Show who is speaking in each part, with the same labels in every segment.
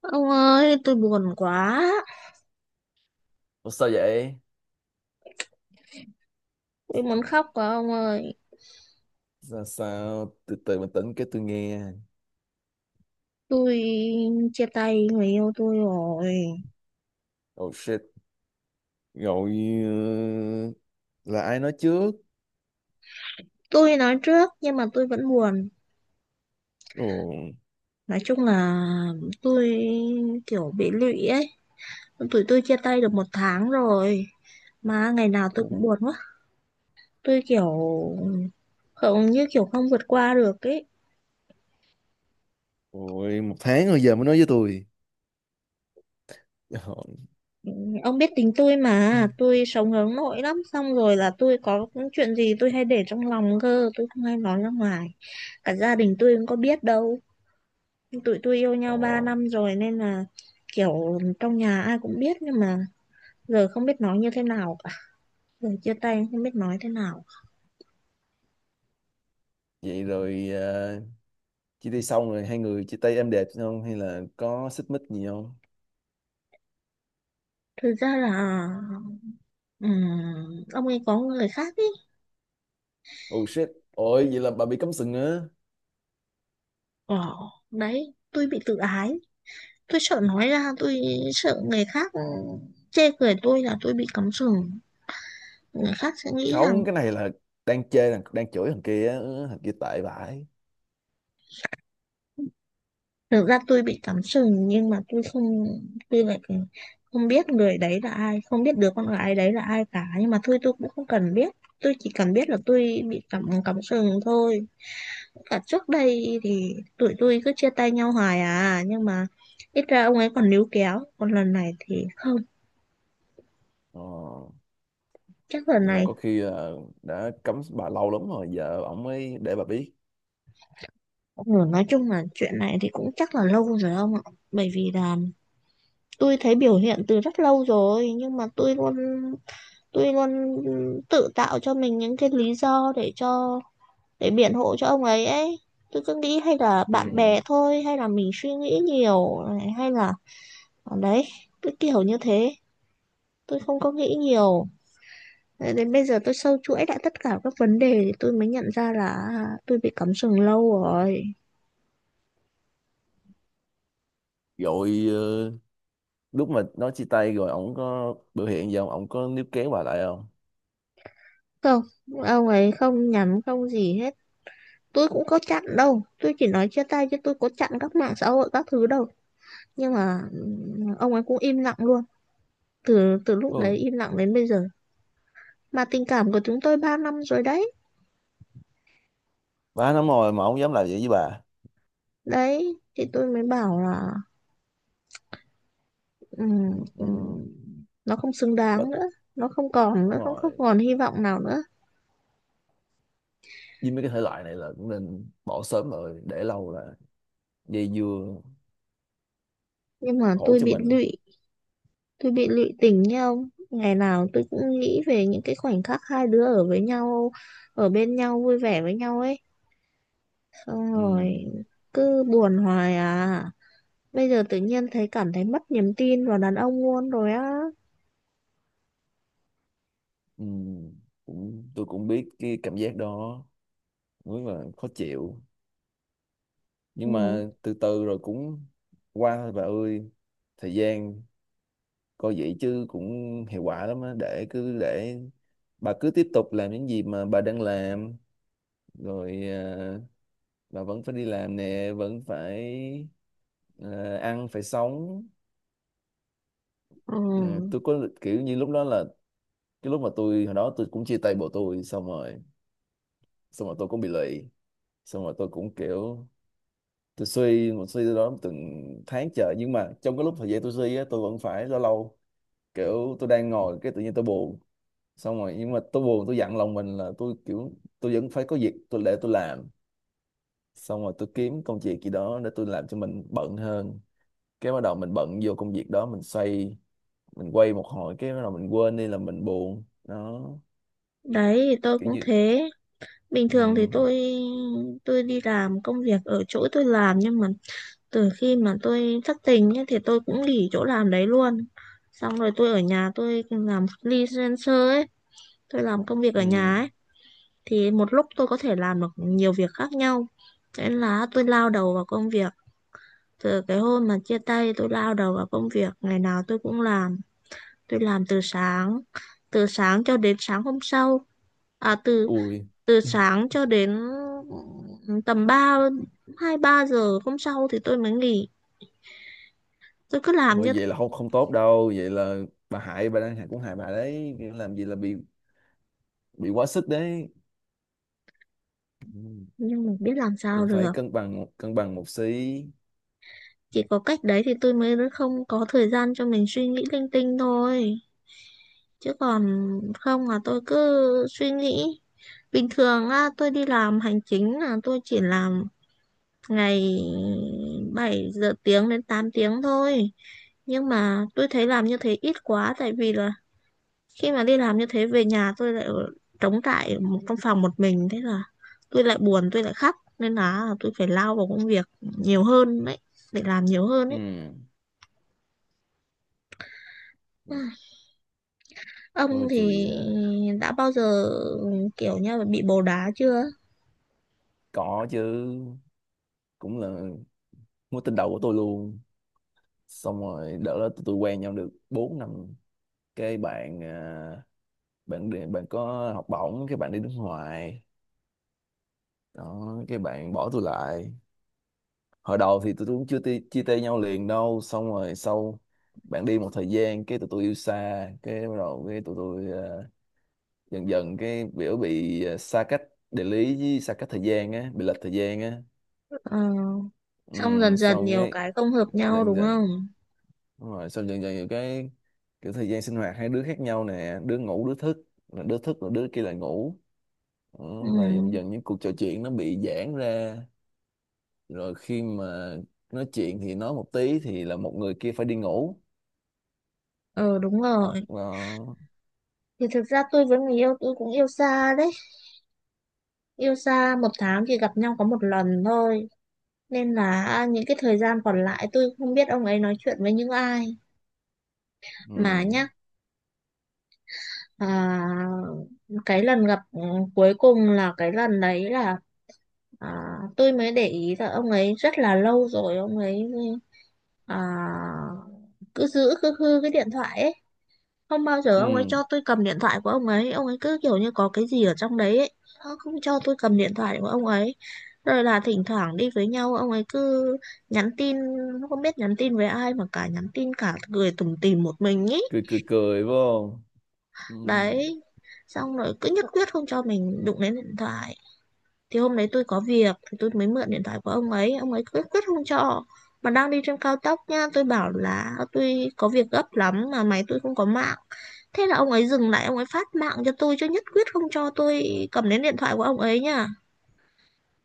Speaker 1: Ông ơi, tôi buồn quá.
Speaker 2: Ủa, sao vậy?
Speaker 1: Tôi muốn khóc quá ông ơi.
Speaker 2: Sao, sao? Từ từ bình tĩnh cái tôi nghe.
Speaker 1: Tôi chia tay người yêu tôi rồi.
Speaker 2: Oh shit. Rồi, ờ, là ai nói trước?
Speaker 1: Tôi nói trước nhưng mà tôi vẫn buồn.
Speaker 2: Ồ.
Speaker 1: Nói chung là tôi kiểu bị lụy ấy. Tụi tôi chia tay được một tháng rồi. Mà ngày nào tôi
Speaker 2: Cũng.
Speaker 1: cũng buồn quá. Tôi kiểu không, như kiểu không vượt qua được ấy.
Speaker 2: Ôi, một tháng rồi giờ mới nói với tôi. Ồ.
Speaker 1: Ông biết tính tôi mà. Tôi sống hướng nội lắm. Xong rồi là tôi có chuyện gì tôi hay để trong lòng cơ. Tôi không hay nói ra ngoài. Cả gia đình tôi cũng có biết đâu. Tụi tôi yêu
Speaker 2: Ồ.
Speaker 1: nhau 3 năm rồi nên là kiểu trong nhà ai cũng biết, nhưng mà giờ không biết nói như thế nào cả, giờ chia tay không biết nói thế nào.
Speaker 2: Vậy rồi, chia tay xong rồi hai người chia tay êm đẹp không? Hay là có xích mích gì không?
Speaker 1: Thực ra là ông ấy có người khác ý.
Speaker 2: Oh shit. Ôi, vậy là bà bị cấm sừng á.
Speaker 1: ờ Đấy, tôi bị tự ái, tôi sợ nói ra, tôi sợ người khác chê cười tôi là tôi bị cắm sừng, người khác sẽ nghĩ rằng.
Speaker 2: Không, cái này là đang chê, đang chửi thằng kia á. Ừ, thằng kia tệ vãi.
Speaker 1: Thực ra tôi bị cắm sừng nhưng mà tôi không, tôi lại không biết người đấy là ai, không biết đứa con gái đấy là ai cả, nhưng mà thôi tôi cũng không cần biết. Tôi chỉ cần biết là tôi bị cắm cắm sừng thôi. Cả trước đây thì tụi tôi cứ chia tay nhau hoài à, nhưng mà ít ra ông ấy còn níu kéo, còn lần này thì không,
Speaker 2: Ồ.
Speaker 1: chắc lần
Speaker 2: Vậy là
Speaker 1: này.
Speaker 2: có khi là đã cấm bà lâu lắm rồi, giờ ổng mới để bà biết.
Speaker 1: Ừ, nói chung là chuyện này thì cũng chắc là lâu rồi ông ạ. Bởi vì là tôi thấy biểu hiện từ rất lâu rồi, nhưng mà tôi luôn tự tạo cho mình những cái lý do để cho, để biện hộ cho ông ấy ấy. Tôi cứ nghĩ hay là bạn
Speaker 2: Ừ.
Speaker 1: bè thôi, hay là mình suy nghĩ nhiều này, hay là. Đấy, cứ kiểu như thế, tôi không có nghĩ nhiều. Đến bây giờ tôi sâu chuỗi lại tất cả các vấn đề thì tôi mới nhận ra là à, tôi bị cắm sừng lâu rồi.
Speaker 2: Rồi, lúc mà nói chia tay rồi ổng có biểu hiện gì không, ổng có níu kéo bà lại không?
Speaker 1: Không, ông ấy không nhắm không gì hết. Tôi cũng có chặn đâu, tôi chỉ nói chia tay chứ tôi có chặn các mạng xã hội các thứ đâu. Nhưng mà ông ấy cũng im lặng luôn, từ từ lúc
Speaker 2: Ôi,
Speaker 1: đấy im lặng đến bây giờ. Mà tình cảm của chúng tôi 3 năm rồi đấy.
Speaker 2: 3 năm rồi mà ổng dám làm vậy với bà.
Speaker 1: Đấy thì tôi mới bảo là ừm,
Speaker 2: Ừ.
Speaker 1: ừm, nó không xứng
Speaker 2: Quá.
Speaker 1: đáng nữa, nó không còn nữa,
Speaker 2: Đúng
Speaker 1: không không
Speaker 2: rồi,
Speaker 1: còn hy vọng nào nữa.
Speaker 2: với mấy cái thể loại này là cũng nên bỏ sớm, rồi để lâu là dây dưa
Speaker 1: Nhưng mà
Speaker 2: khổ
Speaker 1: tôi
Speaker 2: cho
Speaker 1: bị
Speaker 2: mình.
Speaker 1: lụy, tôi bị lụy tình nha ông. Ngày nào tôi cũng nghĩ về những cái khoảnh khắc hai đứa ở với nhau, ở bên nhau vui vẻ với nhau ấy, xong
Speaker 2: Ừ.
Speaker 1: rồi cứ buồn hoài à. Bây giờ tự nhiên thấy cảm thấy mất niềm tin vào đàn ông luôn rồi á.
Speaker 2: Ừ. Cũng, tôi cũng biết cái cảm giác đó, đúng là khó chịu,
Speaker 1: Ừ.
Speaker 2: nhưng mà từ từ rồi cũng qua thôi bà ơi. Thời gian coi vậy chứ cũng hiệu quả lắm á, để cứ để bà cứ tiếp tục làm những gì mà bà đang làm rồi. Bà vẫn phải đi làm nè, vẫn phải ăn phải sống.
Speaker 1: Ừ.
Speaker 2: Ờ, tôi có kiểu như lúc đó là cái lúc mà tôi hồi đó tôi cũng chia tay bộ tôi, xong rồi tôi cũng bị lụy, xong rồi tôi cũng kiểu tôi suy một suy đó từng tháng trời, nhưng mà trong cái lúc thời gian tôi suy á tôi vẫn phải lâu lâu kiểu tôi đang ngồi cái tự nhiên tôi buồn, xong rồi nhưng mà tôi buồn tôi dặn lòng mình là tôi kiểu tôi vẫn phải có việc tôi để tôi làm, xong rồi tôi kiếm công việc gì đó để tôi làm cho mình bận hơn, cái bắt đầu mình bận vô công việc đó mình xoay, mình quay một hồi cái bắt đầu mình quên đi là mình buồn đó.
Speaker 1: Đấy thì tôi
Speaker 2: Kiểu
Speaker 1: cũng
Speaker 2: như.
Speaker 1: thế. Bình thường thì
Speaker 2: Ừ.
Speaker 1: tôi đi làm công việc ở chỗ tôi làm, nhưng mà từ khi mà tôi thất tình ấy, thì tôi cũng nghỉ chỗ làm đấy luôn. Xong rồi tôi ở nhà tôi làm freelancer ấy, tôi làm công việc ở
Speaker 2: Ừ.
Speaker 1: nhà ấy thì một lúc tôi có thể làm được nhiều việc khác nhau. Thế nên là tôi lao đầu vào công việc. Từ cái hôm mà chia tay tôi lao đầu vào công việc, ngày nào tôi cũng làm. Tôi làm từ sáng cho đến sáng hôm sau. À từ
Speaker 2: Ui.
Speaker 1: Từ sáng cho đến ừ, tầm 2 3 giờ hôm sau thì tôi mới nghỉ. Tôi cứ làm
Speaker 2: Ôi,
Speaker 1: như
Speaker 2: vậy
Speaker 1: thế,
Speaker 2: là không không tốt đâu, vậy là bà hại, bà đang hại, cũng hại bà đấy. Kiểu làm gì là bị quá sức đấy. Ừ.
Speaker 1: nhưng mà biết làm sao
Speaker 2: Cũng phải
Speaker 1: được.
Speaker 2: cân bằng một xí.
Speaker 1: Chỉ có cách đấy thì tôi mới không có thời gian cho mình suy nghĩ linh tinh thôi. Chứ còn không là tôi cứ suy nghĩ. Bình thường á, tôi đi làm hành chính là tôi chỉ làm ngày bảy tiếng đến 8 tiếng thôi. Nhưng mà tôi thấy làm như thế ít quá, tại vì là khi mà đi làm như thế về nhà tôi lại trống trải ở một trong phòng một mình, thế là tôi lại buồn tôi lại khóc, nên là tôi phải lao vào công việc nhiều hơn đấy, để làm nhiều hơn ấy.
Speaker 2: Ừ.
Speaker 1: Ai, ông
Speaker 2: Tôi thì
Speaker 1: thì đã bao giờ kiểu như là bị bồ đá chưa?
Speaker 2: có chứ, cũng là mối tình đầu của tôi luôn. Xong rồi đợt đó tụi tôi quen nhau được 4 năm, cái bạn bạn đi- bạn có học bổng cái bạn đi nước ngoài đó, cái bạn bỏ tôi lại. Hồi đầu thì tụi tôi cũng chưa chia tay nhau liền đâu, xong rồi sau bạn đi một thời gian cái tụi tôi yêu xa, cái bắt đầu cái tụi tôi dần dần cái biểu bị xa cách địa lý với xa cách thời gian á, bị lệch thời gian á.
Speaker 1: ờ,
Speaker 2: Ừ,
Speaker 1: Xong dần dần
Speaker 2: xong
Speaker 1: nhiều
Speaker 2: cái
Speaker 1: cái không hợp nhau
Speaker 2: dần
Speaker 1: đúng
Speaker 2: dần.
Speaker 1: không?
Speaker 2: Đúng rồi, xong dần dần nhiều cái kiểu thời gian sinh hoạt hai đứa khác nhau nè, đứa ngủ đứa thức, là đứa thức rồi đứa kia lại ngủ. Đó,
Speaker 1: ừ,
Speaker 2: là dần dần những cuộc trò chuyện nó bị giãn ra, rồi khi mà nói chuyện thì nói một tí thì là một người kia phải đi ngủ.
Speaker 1: ờ Đúng
Speaker 2: Hoặc
Speaker 1: rồi,
Speaker 2: là.
Speaker 1: thì thực ra tôi với người yêu tôi cũng yêu xa đấy, yêu xa một tháng chỉ gặp nhau có một lần thôi. Nên là à, những cái thời gian còn lại tôi không biết ông ấy nói chuyện với những ai mà
Speaker 2: Ừ.
Speaker 1: nhá. à, cái lần gặp cuối cùng là cái lần đấy là à, tôi mới để ý là ông ấy rất là lâu rồi ông ấy à, cứ giữ cứ hư cái điện thoại ấy, không bao giờ ông ấy
Speaker 2: Ừ.
Speaker 1: cho tôi cầm điện thoại của ông ấy, ông ấy cứ kiểu như có cái gì ở trong đấy ấy. Nó không cho tôi cầm điện thoại của ông ấy, rồi là thỉnh thoảng đi với nhau ông ấy cứ nhắn tin, nó không biết nhắn tin với ai mà cả, nhắn tin cả cười tủm tỉm một mình ý.
Speaker 2: Cười cười cười vô. Không. Ừ.
Speaker 1: Đấy, xong rồi cứ nhất quyết không cho mình đụng đến điện thoại. Thì hôm đấy tôi có việc thì tôi mới mượn điện thoại của ông ấy, ông ấy quyết quyết không cho, mà đang đi trên cao tốc nha, tôi bảo là tôi có việc gấp lắm mà máy tôi không có mạng, thế là ông ấy dừng lại ông ấy phát mạng cho tôi chứ nhất quyết không cho tôi cầm đến điện thoại của ông ấy nha.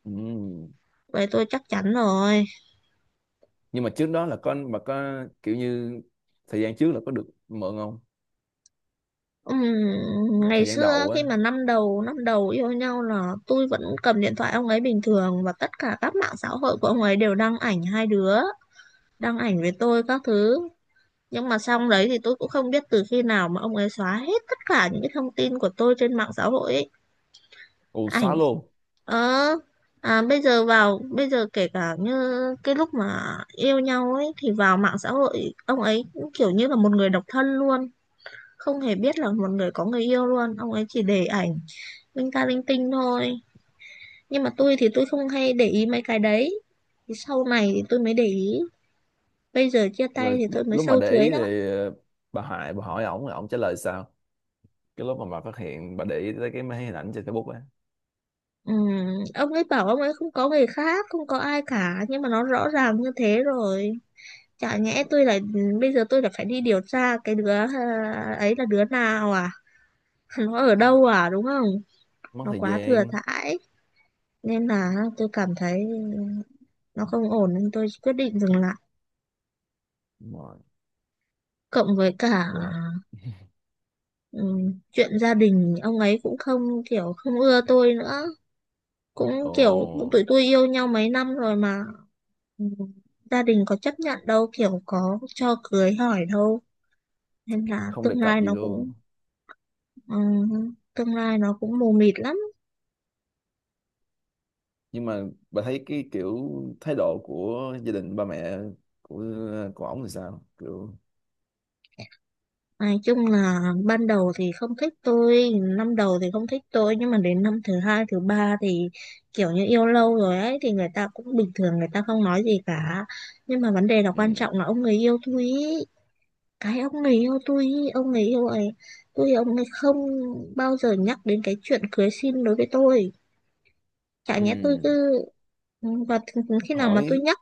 Speaker 2: Ừ.
Speaker 1: Vậy tôi chắc chắn rồi.
Speaker 2: Nhưng mà trước đó là con bà có kiểu như thời gian trước là có được mượn không?
Speaker 1: Ừm, ngày
Speaker 2: Thời gian
Speaker 1: xưa
Speaker 2: đầu á.
Speaker 1: khi mà năm đầu yêu nhau là tôi vẫn cầm điện thoại ông ấy bình thường, và tất cả các mạng xã hội của ông ấy đều đăng ảnh hai đứa, đăng ảnh với tôi các thứ. Nhưng mà xong đấy thì tôi cũng không biết từ khi nào mà ông ấy xóa hết tất cả những cái thông tin của tôi trên mạng xã hội ấy.
Speaker 2: Ù,
Speaker 1: Ảnh,
Speaker 2: xóa luôn.
Speaker 1: ờ bây giờ kể cả như cái lúc mà yêu nhau ấy, thì vào mạng xã hội ông ấy cũng kiểu như là một người độc thân luôn, không hề biết là một người có người yêu luôn, ông ấy chỉ để ảnh linh ta linh tinh thôi. Nhưng mà tôi thì tôi không hay để ý mấy cái đấy, thì sau này thì tôi mới để ý, bây giờ chia tay
Speaker 2: Rồi
Speaker 1: thì tôi mới
Speaker 2: lúc mà
Speaker 1: sâu
Speaker 2: để
Speaker 1: chuối
Speaker 2: ý
Speaker 1: ra.
Speaker 2: thì bà Hải, bà hỏi ổng ổng trả lời sao, cái lúc mà bà phát hiện bà để ý tới cái mấy hình ảnh trên Facebook á.
Speaker 1: Ừ, ông ấy bảo ông ấy không có người khác, không có ai cả, nhưng mà nó rõ ràng như thế rồi. Chả nhẽ tôi lại, bây giờ tôi lại phải đi điều tra cái đứa à, ấy là đứa nào à? Nó ở đâu à đúng không?
Speaker 2: Mất
Speaker 1: Nó
Speaker 2: thời
Speaker 1: quá thừa
Speaker 2: gian.
Speaker 1: thãi, nên là tôi cảm thấy nó không ổn nên tôi quyết định dừng lại.
Speaker 2: Đúng rồi.
Speaker 1: Cộng với cả
Speaker 2: Đúng rồi.
Speaker 1: ừ, chuyện gia đình ông ấy cũng không, kiểu không ưa tôi nữa. Cũng
Speaker 2: Ồ.
Speaker 1: kiểu tụi tôi yêu nhau mấy năm rồi mà ừ, gia đình có chấp nhận đâu, kiểu có cho cưới hỏi đâu, nên là
Speaker 2: Không đề
Speaker 1: tương
Speaker 2: cập
Speaker 1: lai
Speaker 2: gì
Speaker 1: nó
Speaker 2: luôn.
Speaker 1: cũng ừ, tương lai nó cũng mù mịt lắm.
Speaker 2: Nhưng mà bà thấy cái kiểu thái độ của gia đình ba mẹ của của ổng thì sao, kiểu.
Speaker 1: Nói chung là ban đầu thì không thích tôi, năm đầu thì không thích tôi, nhưng mà đến năm thứ hai thứ ba thì kiểu như yêu lâu rồi ấy thì người ta cũng bình thường, người ta không nói gì cả. Nhưng mà vấn đề là quan
Speaker 2: Ừ.
Speaker 1: trọng là ông người yêu thôi ý. Cái ông này yêu tôi ý, ông ấy yêu ấy, tôi ông ấy không bao giờ nhắc đến cái chuyện cưới xin đối với tôi. Chả nhẽ tôi
Speaker 2: Ừ.
Speaker 1: cứ và khi nào mà tôi
Speaker 2: Hỏi.
Speaker 1: nhắc,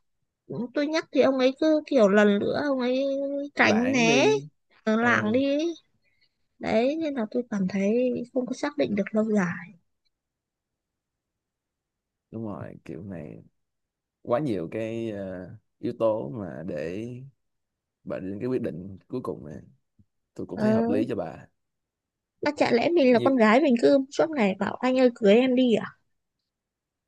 Speaker 1: tôi nhắc thì ông ấy cứ kiểu lần nữa ông ấy tránh
Speaker 2: Lãng
Speaker 1: né,
Speaker 2: đi. ờ
Speaker 1: lảng đi ấy. Đấy nên là tôi cảm thấy không có xác định được lâu dài.
Speaker 2: Đúng rồi, kiểu này quá nhiều cái yếu tố mà để bà đến cái quyết định cuối cùng này, tôi cũng thấy hợp
Speaker 1: ờ,
Speaker 2: lý cho bà.
Speaker 1: mà chả lẽ mình là
Speaker 2: Như.
Speaker 1: con gái mình cứ suốt ngày bảo anh ơi cưới em đi à?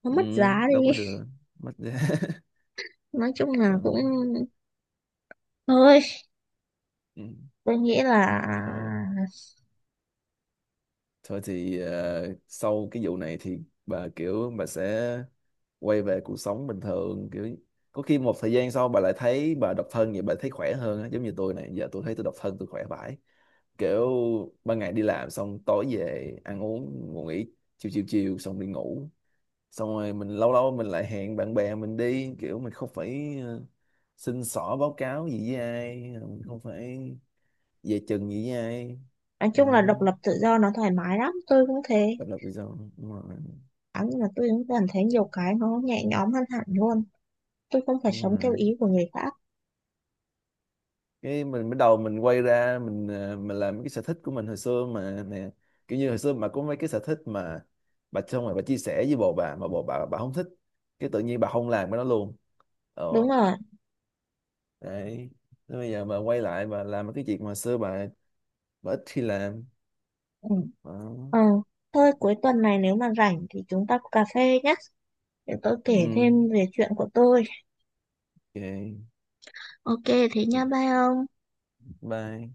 Speaker 1: Nó
Speaker 2: Ừ.
Speaker 1: mất giá
Speaker 2: Đâu
Speaker 1: đi.
Speaker 2: có được. Mất giá.
Speaker 1: Nói chung là cũng
Speaker 2: Đó.
Speaker 1: thôi,
Speaker 2: Ừ.
Speaker 1: tôi nghĩ là,
Speaker 2: Rồi. Thôi thì sau cái vụ này thì bà kiểu bà sẽ quay về cuộc sống bình thường, kiểu có khi một thời gian sau bà lại thấy bà độc thân vậy bà thấy khỏe hơn á, giống như tôi này, giờ tôi thấy tôi độc thân tôi khỏe vãi. Kiểu ban ngày đi làm xong tối về ăn uống ngủ nghỉ, chiều chiều chiều xong đi ngủ, xong rồi mình lâu lâu mình lại hẹn bạn bè mình đi, kiểu mình không phải xin xỏ báo cáo gì với ai, mình không phải về chừng gì với ai.
Speaker 1: nói chung là
Speaker 2: Đó,
Speaker 1: độc lập tự do nó thoải mái lắm, tôi cũng thế.
Speaker 2: độc lập tự do. Đúng rồi.
Speaker 1: Nhưng mà tôi cũng cảm thấy nhiều cái nó nhẹ nhõm hơn hẳn luôn, tôi không phải
Speaker 2: Đúng
Speaker 1: sống theo
Speaker 2: rồi.
Speaker 1: ý của người khác.
Speaker 2: Cái mình bắt đầu mình quay ra mình mình làm mấy cái sở thích của mình hồi xưa mà nè, kiểu như hồi xưa mà có mấy cái sở thích mà bà xong rồi bà chia sẻ với bồ bà mà bồ bà không thích, cái tự nhiên bà không làm cái đó luôn. Ờ.
Speaker 1: Đúng rồi.
Speaker 2: Đấy. Thế bây giờ bà quay lại bà làm mấy cái việc mà xưa bà ít khi làm.
Speaker 1: Ừ.
Speaker 2: Đó.
Speaker 1: Ờ. Thôi cuối tuần này nếu mà rảnh thì chúng ta cà phê nhé, để tôi kể
Speaker 2: Ừ,
Speaker 1: thêm về chuyện của tôi.
Speaker 2: ok.
Speaker 1: Ok. Thế
Speaker 2: Dạ,
Speaker 1: nha, bye ông.
Speaker 2: bye.